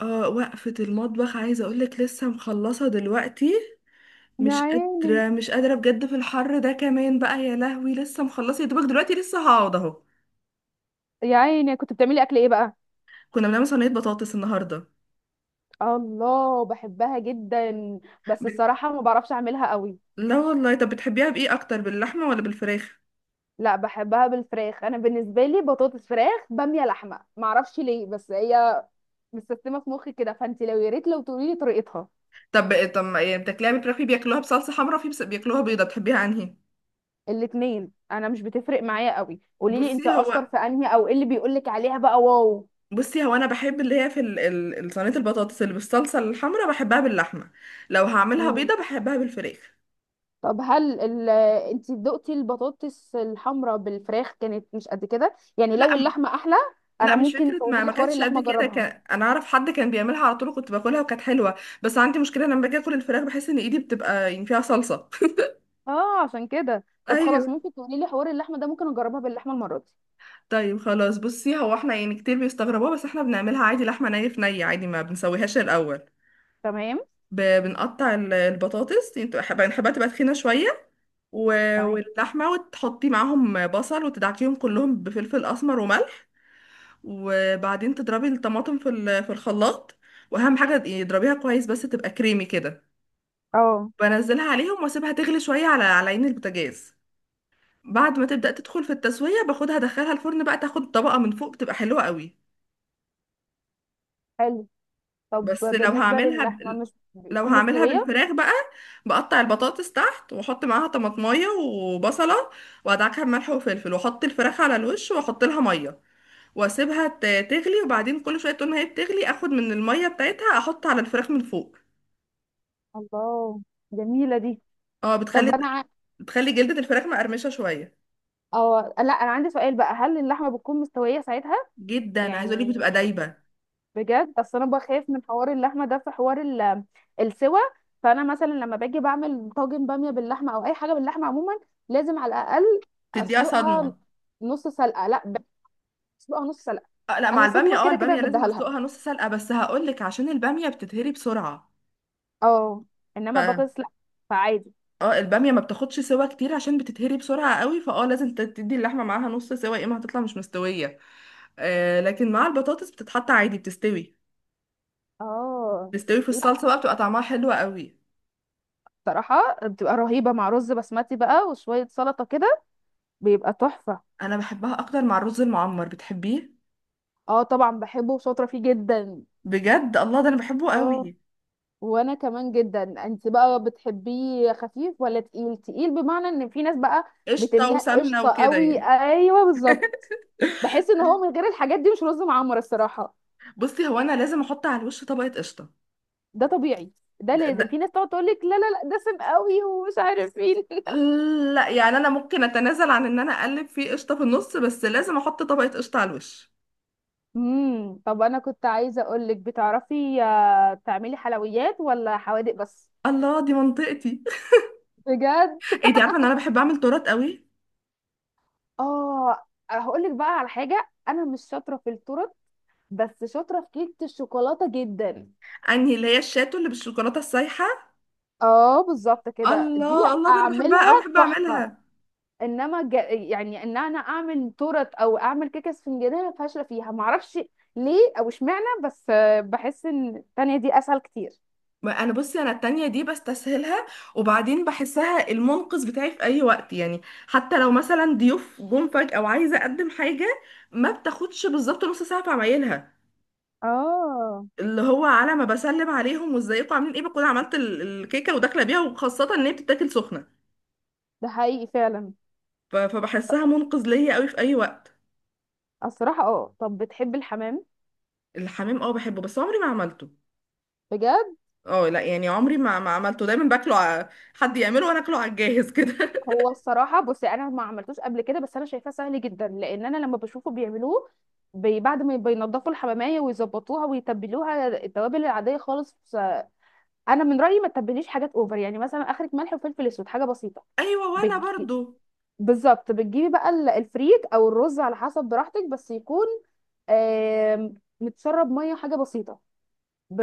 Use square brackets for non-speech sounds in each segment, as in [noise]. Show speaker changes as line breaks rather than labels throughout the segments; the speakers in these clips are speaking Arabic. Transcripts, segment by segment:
اه وقفة المطبخ عايزة اقولك لسه مخلصة دلوقتي.
يا
مش
عيني،
قادرة مش قادرة بجد في الحر ده كمان بقى يا لهوي، لسه مخلصة يا دوبك دلوقتي، لسه هقعد اهو.
يا عيني، كنت بتعملي اكل ايه بقى؟
كنا بنعمل صينية بطاطس النهاردة.
الله، بحبها جدا. بس
بت...
الصراحه ما بعرفش اعملها قوي.
لا والله، طب بتحبيها بإيه أكتر، باللحمة ولا بالفراخ؟
لا، بحبها بالفراخ. انا بالنسبه لي بطاطس، فراخ، باميه، لحمه، ما اعرفش ليه، بس هي متسيستمه في مخي كده. فانت يا ريت لو تقولي لي طريقتها.
طب ما إيه، بتاكليها بالفراخ في بياكلوها بصلصة حمرا، في بياكلوها بيضة، بتحبيها انهي؟
الاثنين، انا مش بتفرق معايا قوي. قولي لي
بصي
انت اشطر
هو
في انهي، او ايه اللي بيقولك عليها بقى. واو.
بصي هو انا بحب اللي هي في صينية البطاطس اللي بالصلصة الحمرا، بحبها باللحمة. لو هعملها بيضة بحبها بالفراخ.
طب هل ال... انت دقتي البطاطس الحمراء بالفراخ كانت مش قد كده؟ يعني لو
لا،
اللحمه احلى.
لا
انا
مش
ممكن
فكرة،
تقولي
ما
لي
ما
حوار
كانتش قد
اللحمه
كده،
اجربها؟
كان انا اعرف حد كان بيعملها على طول وكنت باكلها وكانت حلوة. بس عندي مشكلة لما باجي اكل الفراخ بحس ان ايدي بتبقى يعني فيها صلصة.
اه، عشان كده.
[laughs]
طب خلاص،
ايوه.
ممكن تقولي لي حوار اللحمه ده؟ ممكن اجربها باللحمه المره دي.
طيب خلاص، بصي هو احنا يعني كتير بيستغربوها، بس احنا بنعملها عادي، لحمة ني في ني عادي، ما بنسويهاش الاول.
تمام.
بنقطع البطاطس، يعني بنحبها تبقى تخينة شوية، و...
تمام.
واللحمة، وتحطي معاهم بصل وتدعكيهم كلهم بفلفل اسمر وملح. وبعدين تضربي الطماطم في في الخلاط. واهم حاجة اضربيها كويس بس تبقى كريمي كده.
اه،
بنزلها عليهم واسيبها تغلي شويه على على عين البوتاجاز. بعد ما تبدا تدخل في التسويه باخدها ادخلها الفرن بقى، تاخد طبقه من فوق بتبقى حلوه قوي.
حلو. طب،
بس لو
بالنسبه
هعملها ب...
للحمه مش
لو
بتكون
هعملها
مستويه؟
بالفراخ بقى، بقطع البطاطس تحت واحط معاها طماطمايه وبصله، وادعكها بملح وفلفل، واحط الفراخ على الوش واحط لها ميه، واسيبها تغلي، وبعدين كل شويه طول ما هي بتغلي اخد من الميه بتاعتها احط على الفراخ من فوق.
الله، جميلة دي.
اه
طب
بتخلي، بتخلي جلدة الفراخ مقرمشه شويه.
اه، لا، انا عندي سؤال بقى، هل اللحمه بتكون مستويه ساعتها؟
جدا، عايزه اقول لك
يعني،
بتبقى دايبه،
بجد، اصل انا بخاف من حوار اللحمه ده، في حوار السوا. فانا مثلا لما باجي بعمل طاجن باميه باللحمه او اي حاجه باللحمه عموما، لازم على الاقل
تديها
اسلقها
صدمه.
نص سلقه. لا، اسلقها نص سلقه.
آه، لا مع
انا
البامية،
صدمه
اه
كده كده
البامية لازم
بديها لها.
بسلقها نص سلقة، بس هقولك عشان البامية بتتهري بسرعة.
اه،
ف
انما البطاطس لا. فعادي.
اه البامية ما بتاخدش سوا كتير عشان بتتهري بسرعة قوي، فاه لازم تدي اللحمة معاها نص سوا، يا اما هتطلع مش مستوية. آه لكن مع البطاطس بتتحط عادي، بتستوي،
اه،
بتستوي في
لا،
الصلصة بقى، بتبقى طعمها حلو قوي.
بصراحه بتبقى رهيبه مع رز بسمتي بقى وشويه سلطه كده. بيبقى تحفه.
انا بحبها اكتر مع الرز المعمر، بتحبيه؟
اه، طبعا بحبه وشاطره فيه جدا.
بجد الله، ده انا بحبه
اه،
قوي.
وانا كمان جدا. انت بقى بتحبيه خفيف ولا تقيل تقيل؟ بمعنى ان في ناس بقى
قشطة
بتملاه
وسمنة
قشطه
وكده
قوي.
يعني.
ايوه، بالظبط.
[laughs]
بحس ان هو من غير الحاجات دي مش رز معمر الصراحه.
بصي هو انا لازم احط على الوش طبقة قشطة.
ده طبيعي. ده
ده,
لازم. في
ده
ناس تقعد تقول لك لا، لا، لا، دسم قوي ومش عارف ايه. [laughs]
لا يعني انا ممكن اتنازل عن ان انا اقلب فيه قشطه في النص، بس لازم احط طبقه قشطه على الوش.
طب، انا كنت عايزه اقول لك، بتعرفي تعملي حلويات ولا حوادق بس؟
الله، دي منطقتي.
بجد.
[laughs] ايه دي، عارفه ان انا بحب اعمل تورت قوي.
اه، هقول لك بقى على حاجه، انا مش شاطره في الطرق، بس شاطره في كيكه الشوكولاته جدا.
انهي، اللي هي الشاتو اللي بالشوكولاته السايحه؟
اه، بالظبط كده دي.
الله الله، ده انا بحبها
اعملها
قوي، بحب
تحفه.
اعملها.
انما، يعني ان انا اعمل تورت او اعمل كيكه اسفنجيه فاشله فيها، معرفش ليه او اشمعنى. بس بحس ان التانية دي اسهل كتير.
ما انا بصي انا التانية دي بستسهلها، وبعدين بحسها المنقذ بتاعي في اي وقت يعني. حتى لو مثلا ضيوف جم فجأة وعايزه اقدم حاجه، ما بتاخدش بالظبط نص ساعه في عمايلها.
اه،
اللي هو على ما بسلم عليهم وازيكم عاملين ايه بكون عملت الكيكه وداخله بيها، وخاصه ان هي بتتاكل سخنه.
ده حقيقي فعلا.
فبحسها منقذ ليا قوي في اي وقت.
الصراحه. اه، طب بتحب الحمام؟
الحمام اه بحبه، بس عمري ما عملته.
بجد.
اه لا يعني عمري ما عملته، دايما باكله حد يعمله وانا اكله على الجاهز كده. [laughs]
هو الصراحه، بصي انا ما عملتوش قبل كده، بس انا شايفاه سهل جدا، لان انا لما بشوفه بيعملوه، بعد ما بينضفوا الحماميه ويظبطوها ويتبلوها التوابل العاديه خالص. انا من رايي ما تتبليش حاجات اوفر. يعني، مثلا، اخرك ملح وفلفل اسود حاجه بسيطه.
ايوه وانا
بتج...
برضو.
بالظبط، بتجيبي بقى الفريك او الرز على حسب براحتك، بس يكون آم، متشرب ميه حاجه بسيطه.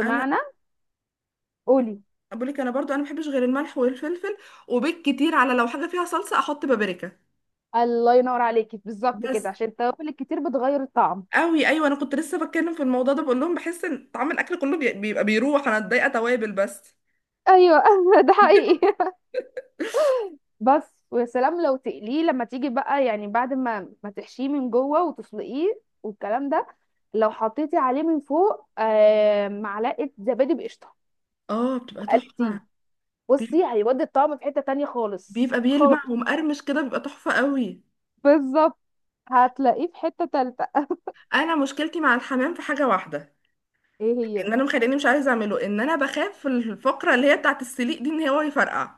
انا
قولي.
بقول لك، انا برضو انا ما بحبش غير الملح والفلفل، وبالكتير على لو حاجه فيها صلصه احط بابريكا.
الله ينور عليكي! بالظبط كده،
بس
عشان التوابل الكتير بتغير الطعم.
قوي، ايوه انا كنت لسه بتكلم في الموضوع ده، بقول لهم بحس ان طعم الاكل كله بيبقى بيروح، انا اتضايقه توابل بس.
ايوه. [laughs] ده حقيقي. بس ويا سلام لو تقليه لما تيجي بقى، يعني بعد ما تحشيه من جوه وتسلقيه والكلام ده، لو حطيتي عليه من فوق معلقه زبادي بقشطه
اه بتبقى
وقلتيه،
تحفة. بي-
بصي هيودي الطعم في حتة تانية خالص
بيبقى
خالص.
بيلمع ومقرمش كده، بيبقى تحفة قوي.
بالظبط. هتلاقيه في حتة تالتة.
انا مشكلتي مع الحمام في حاجة واحدة،
ايه
ان
هي؟
انا مخليني مش عايزة اعمله ان انا بخاف في الفقرة اللي هي بتاعت السليق دي ان هو يفرقع.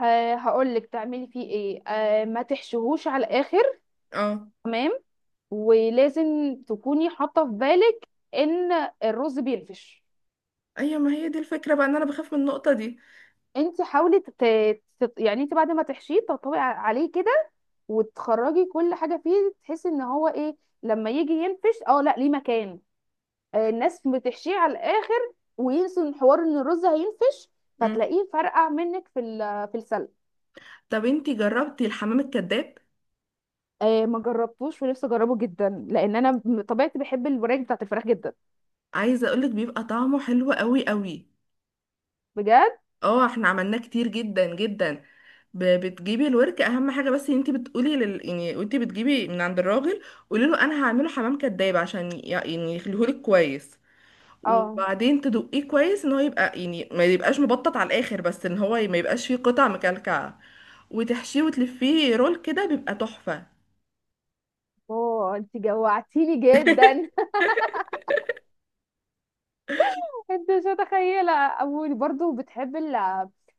آه، هقول لك تعملي فيه ايه. ما تحشوهوش على الاخر.
اه.
تمام. ولازم تكوني حاطه في بالك ان الرز بينفش.
ايوه ما هي دي الفكرة بقى، ان انا بخاف من النقطة دي.
انت حاولي يعني انت بعد ما تحشيه تطبقي عليه كده، وتخرجي كل حاجه فيه، تحسي ان هو ايه لما يجي ينفش. اه، لا ليه مكان. الناس بتحشيه على الاخر وينسوا ان حوار ان الرز هينفش،
مم.
فتلاقيه فرقع منك في في السلق.
طب انتي جربتي الحمام الكذاب؟
ما جربتوش ونفسي اجربه جدا، لان انا بطبيعتي بحب الوراك بتاعت الفراخ جدا.
عايزة اقولك بيبقى طعمه حلو قوي قوي.
بجد.
اه احنا عملناه كتير جدا جدا. بتجيبي الورك اهم حاجه، بس انت بتقولي يعني وانت بتجيبي من عند الراجل قولي له انا هعمله حمام كداب عشان يعني يخليهولك كويس.
اه.
وبعدين تدقيه كويس ان هو يبقى يعني ما يبقاش مبطط على الاخر، بس ان هو ما يبقاش فيه قطع مكلكعه. وتحشيه وتلفيه رول كده، بيبقى تحفه.
اوه، انت جوعتيني جدا!
[laughs]
[laughs] انت مش متخيله. اول، برضو، بتحب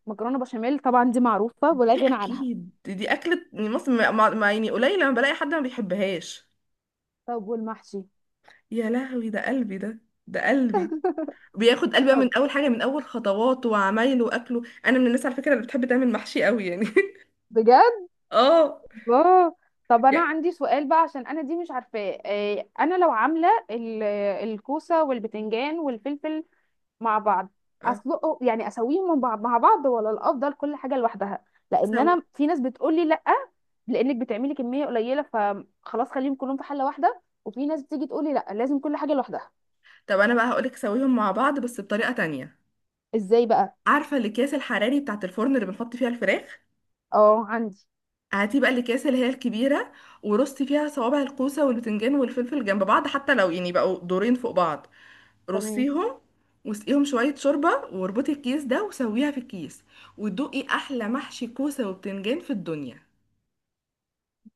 المكرونه بشاميل. طبعا دي معروفه ولا
دي
غنى عنها.
اكيد، دي اكله يعني مصر، يعني قليل لما بلاقي حد ما بيحبهاش.
طب، والمحشي؟
يا لهوي ده قلبي ده، ده قلبي. بياخد قلبه من
طب.
اول حاجه، من اول خطواته وعمايله واكله، انا من الناس على فكره اللي بتحب تعمل محشي قوي يعني.
بجد.
[laughs] اه.
الله. طب، انا
يعني.
عندي سؤال بقى عشان انا دي مش عارفاه. انا لو عامله الكوسه والبتنجان والفلفل مع بعض،
اه.
اسلقه؟ يعني اسويهم مع بعض، ولا الافضل كل حاجه لوحدها؟
سو
لان انا في ناس بتقول لي لا، لانك بتعملي كميه قليله فخلاص خليهم كلهم في حله واحده، وفي ناس بتيجي تقول لي لا، لازم كل حاجه لوحدها.
طب انا بقى هقولك سويهم مع بعض بس بطريقه تانية.
ازاي بقى؟
عارفه الاكياس الحراري بتاعه الفرن اللي بنحط فيها الفراخ؟
اه، عندي.
هاتي بقى الاكياس اللي هي الكبيره، ورصي فيها صوابع الكوسه والبتنجان والفلفل جنب بعض، حتى لو يعني بقوا دورين فوق بعض
تمام.
رصيهم، واسقيهم شويه شوربه واربطي الكيس ده وسويها في الكيس، وتدوقي احلى محشي كوسه وبتنجان في الدنيا.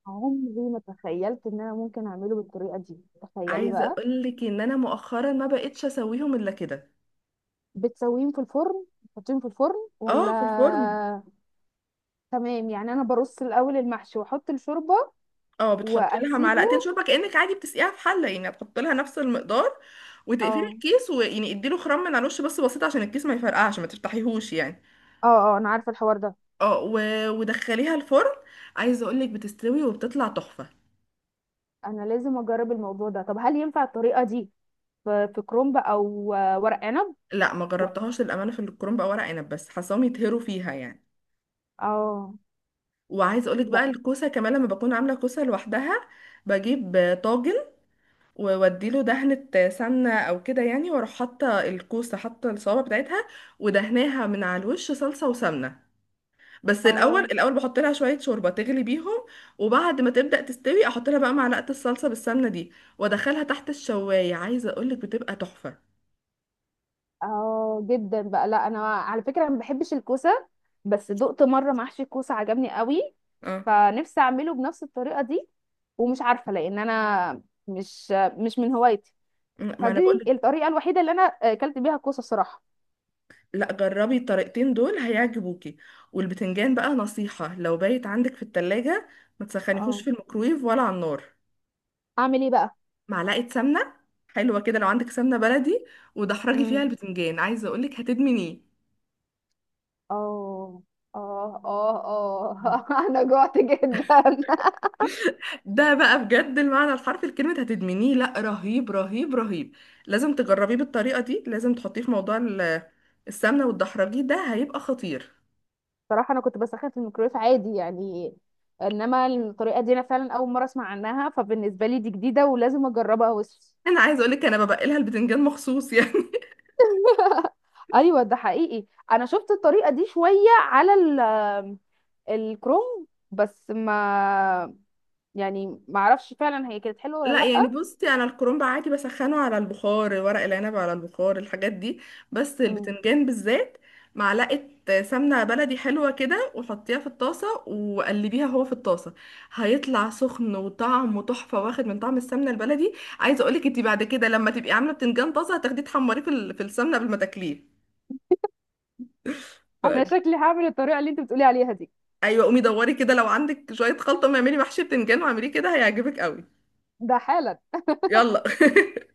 عمري ما تخيلت ان انا ممكن اعمله بالطريقه دي. تخيلي
عايزه
بقى.
اقول لك ان انا مؤخرا ما بقتش اسويهم الا كده.
بتسويهم في الفرن؟ تحطيهم في الفرن ولا؟
اه في الفرن.
تمام. يعني انا برص الاول المحشي واحط الشوربه
اه بتحط لها
واسيبه.
معلقتين شوربه كانك عادي بتسقيها في حله، يعني هتحط لها نفس المقدار. وتقفلي
اه.
الكيس، ويعني اديله خرم من على الوش بس بسيط عشان الكيس ما يفرقعش، ما تفتحيهوش يعني.
اه. اه، انا عارفه الحوار ده.
اه و... ودخليها الفرن، عايزه اقول لك بتستوي وبتطلع تحفه.
انا لازم اجرب الموضوع ده. طب، هل ينفع الطريقه دي في كرومب او ورق عنب؟
لا ما
و-
جربتهاش للامانه في الكرنب او ورق عنب، بس حاساهم يتهروا فيها يعني.
اه.
وعايزه اقول لك
لا.
بقى الكوسه كمان لما بكون عامله كوسه لوحدها، بجيب طاجن ووديله دهنة سمنة أو كده يعني، وأروح حاطة الكوسة، حاطة الصوابع بتاعتها ودهناها من على الوش صلصة وسمنة. بس الأول
اه.
الأول بحط لها شوية شوربة تغلي بيهم، وبعد ما تبدأ تستوي أحط لها بقى معلقة الصلصة بالسمنة دي، وأدخلها تحت الشواية، عايزة أقولك بتبقى تحفة.
اه، جدا بقى. لا، انا على فكره، انا ما بحبش الكوسه، بس دقت مره محشي الكوسه عجبني قوي،
اه
فنفسي اعمله بنفس الطريقه دي. ومش عارفه، لان انا مش من هوايتي.
ما أنا
فدي
بقولك،
الطريقه الوحيده اللي انا اكلت بيها الكوسه الصراحه.
لا جربي الطريقتين دول هيعجبوكي. والبتنجان بقى نصيحة، لو بايت عندك في التلاجة ما تسخنيهوش
اه،
في الميكرويف ولا على النار.
اعمل ايه بقى؟
معلقة سمنة حلوة كده لو عندك سمنة بلدي، ودحرجي فيها
امم
البتنجان، عايزة اقولك هتدمنيه.
اه. اه. اه. اه. [laughs] انا جوعت جدا.
ده بقى بجد المعنى الحرفي لكلمة هتدمنيه، لا رهيب رهيب رهيب. لازم تجربيه بالطريقة دي، لازم تحطيه في موضوع السمنة والدحرجي ده، هيبقى خطير.
[laughs] صراحه انا كنت بسخن في الميكرويف عادي يعني. انما الطريقه دي انا فعلا اول مره اسمع عنها، فبالنسبه لي دي جديده ولازم اجربها. وش.
انا عايزة اقولك انا ببقلها البتنجان مخصوص [laughs] يعني.
[laughs] ايوه. ده حقيقي. انا شفت الطريقه دي شويه على ال الكروم، بس ما يعني ما اعرفش فعلا هي كانت حلوه
لا
ولا.
يعني بصي انا الكرنب عادي بسخنه على البخار، ورق العنب على البخار، الحاجات دي، بس
لا،
البتنجان بالذات معلقه سمنه بلدي حلوه كده وحطيها في الطاسه وقلبيها هو في الطاسه، هيطلع سخن وطعمه تحفه واخد من طعم السمنه البلدي. عايزه اقولك انت بعد كده لما تبقي عامله بتنجان طازه هتاخديه تحمريه في في السمنه قبل ما تاكليه. ف...
انا شكلي هعمل الطريقه اللي انت بتقولي عليها دي.
ايوه قومي دوري كده، لو عندك شويه خلطه ما اعملي محشي بتنجان واعمليه كده، هيعجبك قوي.
ده حالا.
يلا. [laughs]